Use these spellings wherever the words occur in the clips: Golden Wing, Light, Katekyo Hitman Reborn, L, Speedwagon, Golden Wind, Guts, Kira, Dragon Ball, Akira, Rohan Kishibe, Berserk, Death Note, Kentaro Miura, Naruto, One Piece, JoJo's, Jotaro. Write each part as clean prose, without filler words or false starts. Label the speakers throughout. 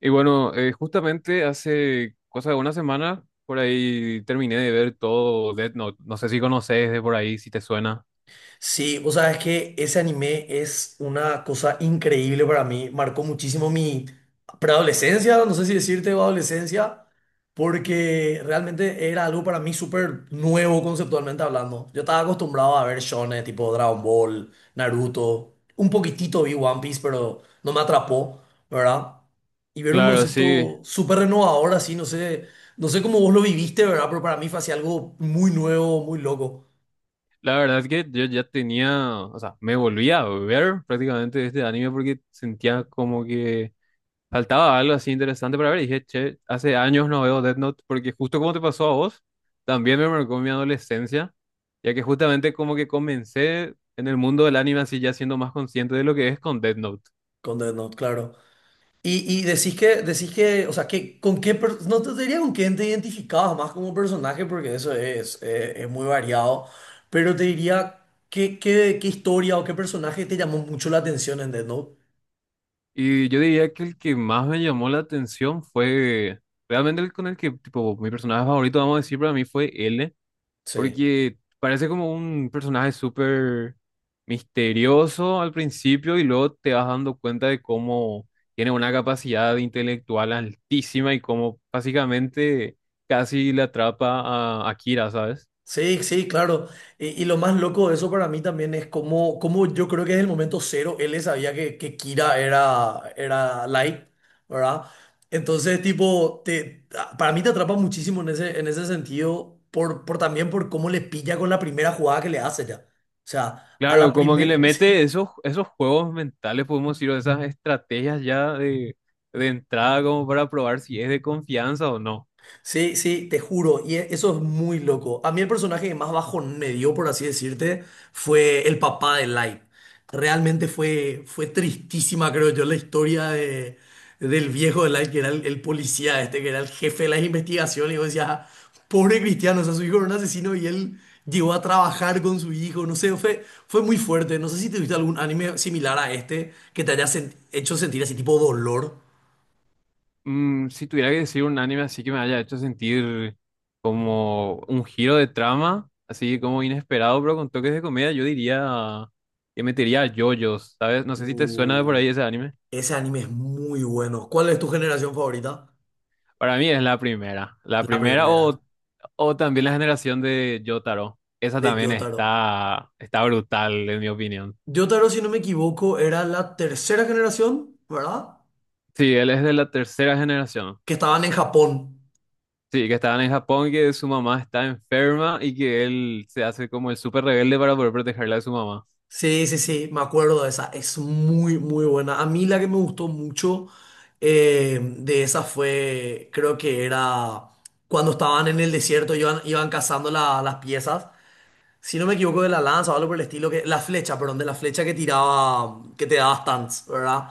Speaker 1: Y bueno, justamente hace cosa de una semana, por ahí terminé de ver todo Death Note. No sé si conoces de por ahí, si te suena.
Speaker 2: Sí, o sea, es que ese anime es una cosa increíble para mí. Marcó muchísimo mi preadolescencia, no sé si decirte o adolescencia, porque realmente era algo para mí súper nuevo conceptualmente hablando. Yo estaba acostumbrado a ver shonen tipo Dragon Ball, Naruto, un poquitito vi One Piece, pero no me atrapó, ¿verdad? Y ver un
Speaker 1: Claro, sí.
Speaker 2: concepto súper renovador así, no sé, no sé cómo vos lo viviste, ¿verdad? Pero para mí fue así algo muy nuevo, muy loco
Speaker 1: La verdad es que yo ya tenía, o sea, me volví a ver prácticamente este anime porque sentía como que faltaba algo así interesante para ver. Y dije, che, hace años no veo Death Note porque justo como te pasó a vos, también me marcó mi adolescencia, ya que justamente como que comencé en el mundo del anime así ya siendo más consciente de lo que es con Death Note.
Speaker 2: con Death Note, claro. Y decís que, o sea, que con qué, no te diría con quién te identificabas más como personaje, porque eso es muy variado, pero te diría qué, qué, qué historia o qué personaje te llamó mucho la atención, ¿entendés? ¿No?
Speaker 1: Y yo diría que el que más me llamó la atención fue realmente el con el que, tipo, mi personaje favorito, vamos a decir, para mí fue L,
Speaker 2: Sí.
Speaker 1: porque parece como un personaje súper misterioso al principio y luego te vas dando cuenta de cómo tiene una capacidad intelectual altísima y cómo básicamente casi le atrapa a Akira, ¿sabes?
Speaker 2: Sí, sí, claro. Y lo más loco de eso para mí también es como, como yo creo que desde el momento cero él sabía que Kira era, era Light, ¿verdad? Entonces, tipo, para mí te atrapa muchísimo en ese sentido, por también por cómo le pilla con la primera jugada que le hace ya. O sea, a la
Speaker 1: Claro, como que le
Speaker 2: primera.
Speaker 1: mete esos juegos mentales, podemos decir, o esas estrategias ya de entrada como para probar si es de confianza o no.
Speaker 2: Sí, sí, te juro, y eso es muy loco. A mí el personaje que más bajo me dio, por así decirte, fue el papá de Light. Realmente fue, fue tristísima, creo yo, la historia de, del viejo de Light, que era el policía este, que era el jefe de las investigaciones, y vos decías, pobre Cristiano, o sea, su hijo era un asesino y él llegó a trabajar con su hijo, no sé, fue, fue muy fuerte. No sé si te viste algún anime similar a este que te haya hecho sentir así tipo dolor.
Speaker 1: Si tuviera que decir un anime así que me haya hecho sentir como un giro de trama, así como inesperado, pero con toques de comedia, yo diría que metería a JoJo's, ¿sabes? No sé si te suena de por
Speaker 2: Uh.
Speaker 1: ahí ese anime.
Speaker 2: Ese anime es muy bueno. ¿Cuál es tu generación favorita?
Speaker 1: Para mí es la primera. La
Speaker 2: La
Speaker 1: primera
Speaker 2: primera,
Speaker 1: o también la generación de Jotaro. Esa
Speaker 2: de
Speaker 1: también
Speaker 2: Jotaro.
Speaker 1: está brutal, en mi opinión.
Speaker 2: Jotaro, si no me equivoco, era la tercera generación, ¿verdad?
Speaker 1: Sí, él es de la tercera generación.
Speaker 2: Que estaban en Japón.
Speaker 1: Sí, que estaban en Japón y que su mamá está enferma y que él se hace como el súper rebelde para poder protegerla de su mamá.
Speaker 2: Sí, sí, sí, me acuerdo de esa. Es muy, muy buena. A mí la que me gustó mucho de esa fue, creo que era cuando estaban en el desierto, iban, iban cazando las piezas. Si no me equivoco, de la lanza o algo por el estilo, que, la flecha, perdón, de la flecha que tiraba, que te daba stunts, ¿verdad?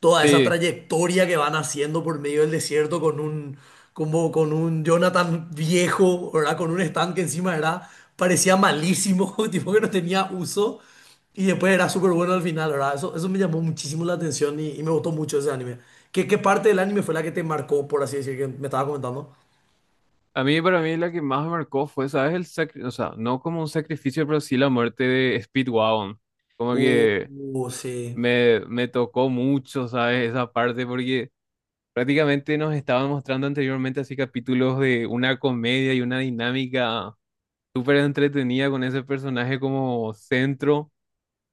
Speaker 2: Toda esa
Speaker 1: Sí,
Speaker 2: trayectoria que van haciendo por medio del desierto con un, como con un Jonathan viejo, ¿verdad? Con un stand que encima era, parecía malísimo, tipo que no tenía uso, y después era súper bueno al final, ¿verdad? Eso me llamó muchísimo la atención y me gustó mucho ese anime. ¿Qué, qué parte del anime fue la que te marcó, por así decir, que me estaba comentando?
Speaker 1: a mí para mí la que más me marcó fue, ¿sabes? El o sea, no como un sacrificio, pero sí la muerte de Speedwagon. Como
Speaker 2: Uh,
Speaker 1: que
Speaker 2: sí.
Speaker 1: me tocó mucho, ¿sabes? Esa parte porque prácticamente nos estaban mostrando anteriormente así capítulos de una comedia y una dinámica súper entretenida con ese personaje como centro.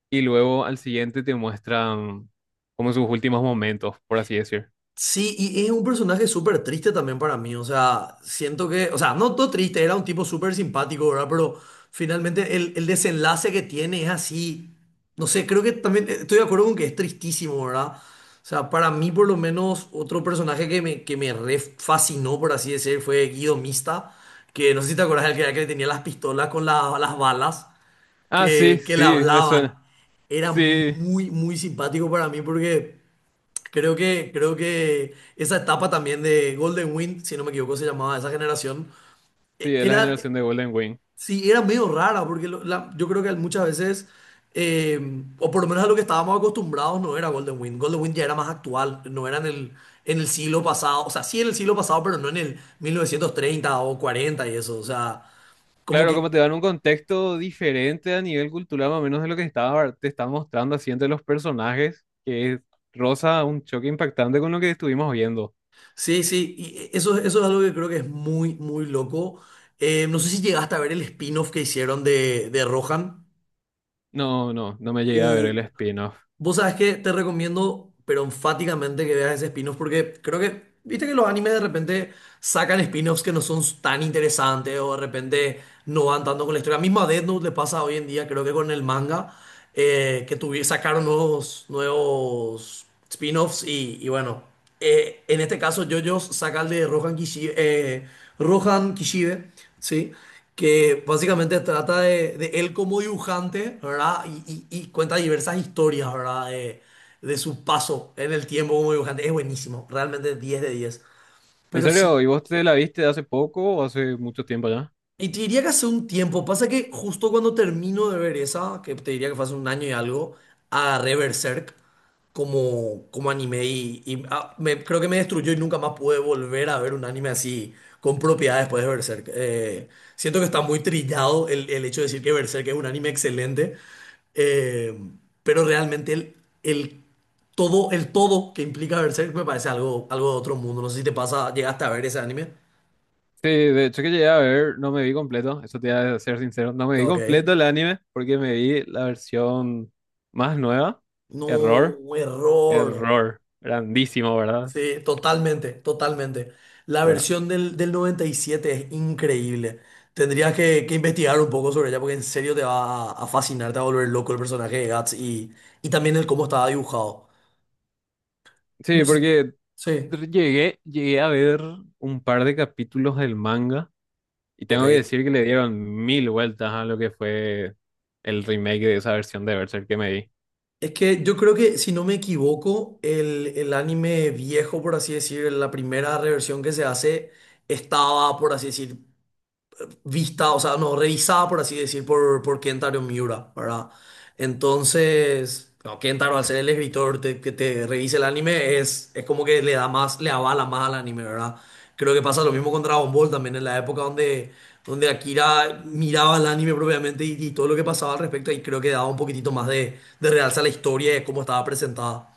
Speaker 1: Y luego al siguiente te muestran como sus últimos momentos, por así decir.
Speaker 2: Sí, y es un personaje súper triste también para mí, o sea, siento que, o sea, no todo triste, era un tipo súper simpático, ¿verdad? Pero finalmente el desenlace que tiene es así, no sé, creo que también estoy de acuerdo con que es tristísimo, ¿verdad? O sea, para mí por lo menos otro personaje que me re fascinó, por así decir, fue Guido Mista, que no sé si te acuerdas del que, era que le tenía las pistolas con las balas
Speaker 1: Ah, sí,
Speaker 2: que le
Speaker 1: sí, me
Speaker 2: hablaban.
Speaker 1: suena.
Speaker 2: Era
Speaker 1: Sí,
Speaker 2: muy, muy simpático para mí porque... creo que esa etapa también de Golden Wind, si no me equivoco, se llamaba esa generación,
Speaker 1: sí, es la
Speaker 2: era,
Speaker 1: generación de Golden Wing.
Speaker 2: sí, era medio rara, porque yo creo que muchas veces, eh, o por lo menos a lo que estábamos acostumbrados, no era Golden Wind. Golden Wind ya era más actual, no era en el siglo pasado, o sea, sí en el siglo pasado, pero no en el 1930 o 40 y eso, o sea, como
Speaker 1: Claro, como te
Speaker 2: que,
Speaker 1: dan un contexto diferente a nivel cultural, más o menos de lo que estaba, te está mostrando así entre los personajes, que roza un choque impactante con lo que estuvimos viendo.
Speaker 2: sí, sí, eso, eso es algo que creo que es muy, muy loco. No sé si llegaste a ver el spin-off que hicieron de Rohan.
Speaker 1: No, no, no me llegué a ver el spin-off.
Speaker 2: Vos sabés que te recomiendo, pero enfáticamente que veas ese spin-off porque creo que, viste que los animes de repente sacan spin-offs que no son tan interesantes o de repente no van tanto con la historia. Misma Death Note le pasa hoy en día, creo que con el manga, que sacaron nuevos, nuevos spin-offs y bueno en este caso, JoJo's saca el de Rohan Kishibe, ¿sí? Que básicamente trata de él como dibujante, ¿verdad? Y cuenta diversas historias, ¿verdad? De su paso en el tiempo como dibujante. Es buenísimo, realmente 10 de diez.
Speaker 1: ¿En
Speaker 2: Pero
Speaker 1: serio?
Speaker 2: sí.
Speaker 1: ¿Y vos te la viste hace poco o hace mucho tiempo ya?
Speaker 2: Y te diría que hace un tiempo, pasa que justo cuando termino de ver esa, que te diría que fue hace un año y algo, agarré Berserk como, como anime y, ah, creo que me destruyó y nunca más pude volver a ver un anime así con propiedad después de Berserk. Siento que está muy trillado el hecho de decir que Berserk es un anime excelente, eh, pero realmente el el todo que implica Berserk me parece algo, algo de otro mundo. No sé si te pasa, llegaste a ver ese anime.
Speaker 1: Sí, de hecho que llegué a ver, no me vi completo, eso te voy a ser sincero, no me vi
Speaker 2: Ok.
Speaker 1: completo el anime porque me vi la versión más nueva.
Speaker 2: No,
Speaker 1: Error,
Speaker 2: un error.
Speaker 1: error, grandísimo, ¿verdad?
Speaker 2: Sí, totalmente, totalmente. La
Speaker 1: Bueno,
Speaker 2: versión del, del 97 es increíble. Tendrías que investigar un poco sobre ella porque en serio te va a fascinar, te va a volver loco el personaje de Guts y también el cómo estaba dibujado. No
Speaker 1: sí,
Speaker 2: sé.
Speaker 1: porque
Speaker 2: Sí,
Speaker 1: llegué a ver un par de capítulos del manga y
Speaker 2: ok.
Speaker 1: tengo que decir que le dieron mil vueltas a lo que fue el remake de esa versión de Berserk que me vi.
Speaker 2: Es que yo creo que, si no me equivoco, el anime viejo, por así decir, la primera reversión que se hace, estaba, por así decir, vista, o sea, no, revisada, por así decir, por Kentaro Miura, ¿verdad? Entonces, no, Kentaro, al ser el escritor que te revise el anime, es como que le da más, le avala más al anime, ¿verdad? Creo que pasa lo mismo con Dragon Ball también, en la época donde, donde Akira miraba el anime propiamente y todo lo que pasaba al respecto, y creo que daba un poquitito más de realza a la historia y de cómo estaba presentada.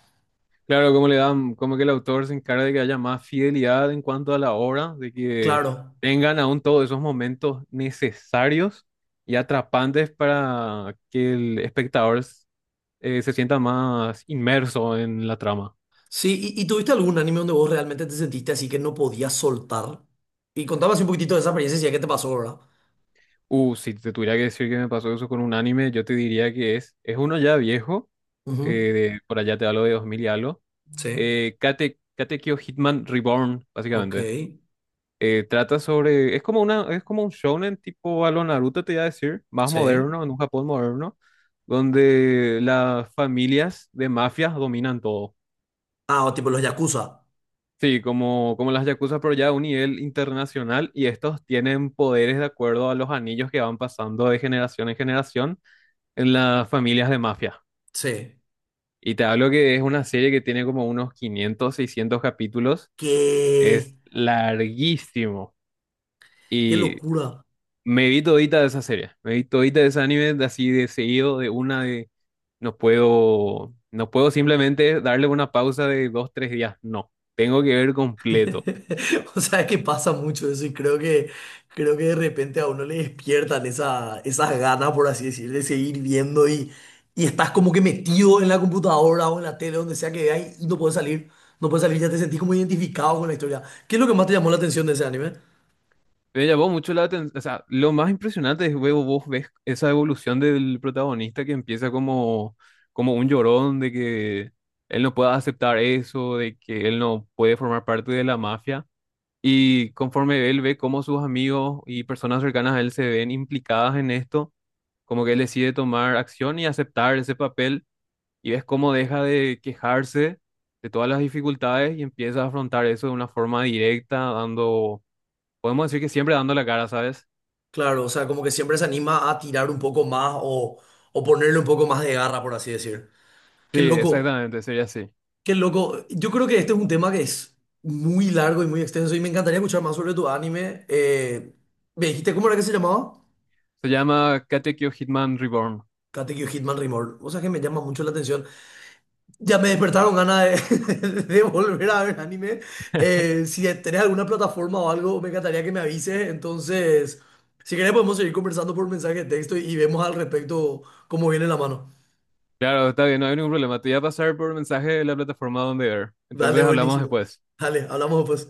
Speaker 1: Claro, como le dan, como que el autor se encarga de que haya más fidelidad en cuanto a la obra, de que
Speaker 2: Claro.
Speaker 1: tengan aún todos esos momentos necesarios y atrapantes para que el espectador se sienta más inmerso en la trama.
Speaker 2: Sí, y tuviste algún anime donde vos realmente te sentiste así que no podías soltar? Y contame así un poquitito de esa experiencia y qué te pasó, ¿verdad?
Speaker 1: Si te tuviera que decir que me pasó eso con un anime, yo te diría que es uno ya viejo,
Speaker 2: Ujú.
Speaker 1: por allá te hablo de 2000 y algo,
Speaker 2: Sí,
Speaker 1: Katekyo Hitman Reborn,
Speaker 2: ok,
Speaker 1: básicamente. Trata sobre, es como una, es como un shonen tipo a lo Naruto, te iba a decir, más
Speaker 2: sí.
Speaker 1: moderno, en un Japón moderno, donde las familias de mafias dominan todo.
Speaker 2: Ah, o tipo los Yakuza.
Speaker 1: Sí, como las yakuza, pero ya a un nivel internacional, y estos tienen poderes de acuerdo a los anillos que van pasando de generación en generación en las familias de mafia.
Speaker 2: Sí.
Speaker 1: Y te hablo que es una serie que tiene como unos 500 600 capítulos,
Speaker 2: ¡Qué,
Speaker 1: es larguísimo.
Speaker 2: qué
Speaker 1: Y
Speaker 2: locura!
Speaker 1: me vi todita de esa serie, me vi todita de ese anime de así de seguido, de una de no puedo simplemente darle una pausa de 2, 3 días, no, tengo que ver completo.
Speaker 2: O sea, es que pasa mucho eso y creo que de repente a uno le despiertan esa, esas ganas, por así decir, de seguir viendo y estás como que metido en la computadora o en la tele, donde sea que veas y no puedes salir. No puedes salir, ya te sentís como identificado con la historia. ¿Qué es lo que más te llamó la atención de ese anime?
Speaker 1: Me llamó mucho la atención, o sea, lo más impresionante es luego vos ves esa evolución del protagonista que empieza como un llorón de que él no pueda aceptar eso, de que él no puede formar parte de la mafia. Y conforme él ve cómo sus amigos y personas cercanas a él se ven implicadas en esto, como que él decide tomar acción y aceptar ese papel y ves cómo deja de quejarse de todas las dificultades y empieza a afrontar eso de una forma directa, dando, podemos decir que siempre dando la cara, ¿sabes?
Speaker 2: Claro, o sea, como que siempre se anima a tirar un poco más o ponerle un poco más de garra, por así decir.
Speaker 1: Sí,
Speaker 2: Qué loco,
Speaker 1: exactamente, sería así.
Speaker 2: qué loco. Yo creo que este es un tema que es muy largo y muy extenso y me encantaría escuchar más sobre tu anime. ¿me dijiste cómo era que se llamaba?
Speaker 1: Se llama Katekyo Hitman Reborn.
Speaker 2: Katekyo Hitman Reborn. O sea que me llama mucho la atención. Ya me despertaron ganas de, de volver a ver anime. Si tenés alguna plataforma o algo, me encantaría que me avises. Entonces, si querés podemos seguir conversando por mensaje de texto y vemos al respecto cómo viene la mano.
Speaker 1: Claro, está bien, no hay ningún problema. Te voy a pasar por mensaje de la plataforma donde ver.
Speaker 2: Dale,
Speaker 1: Entonces hablamos
Speaker 2: buenísimo.
Speaker 1: después.
Speaker 2: Dale, hablamos pues.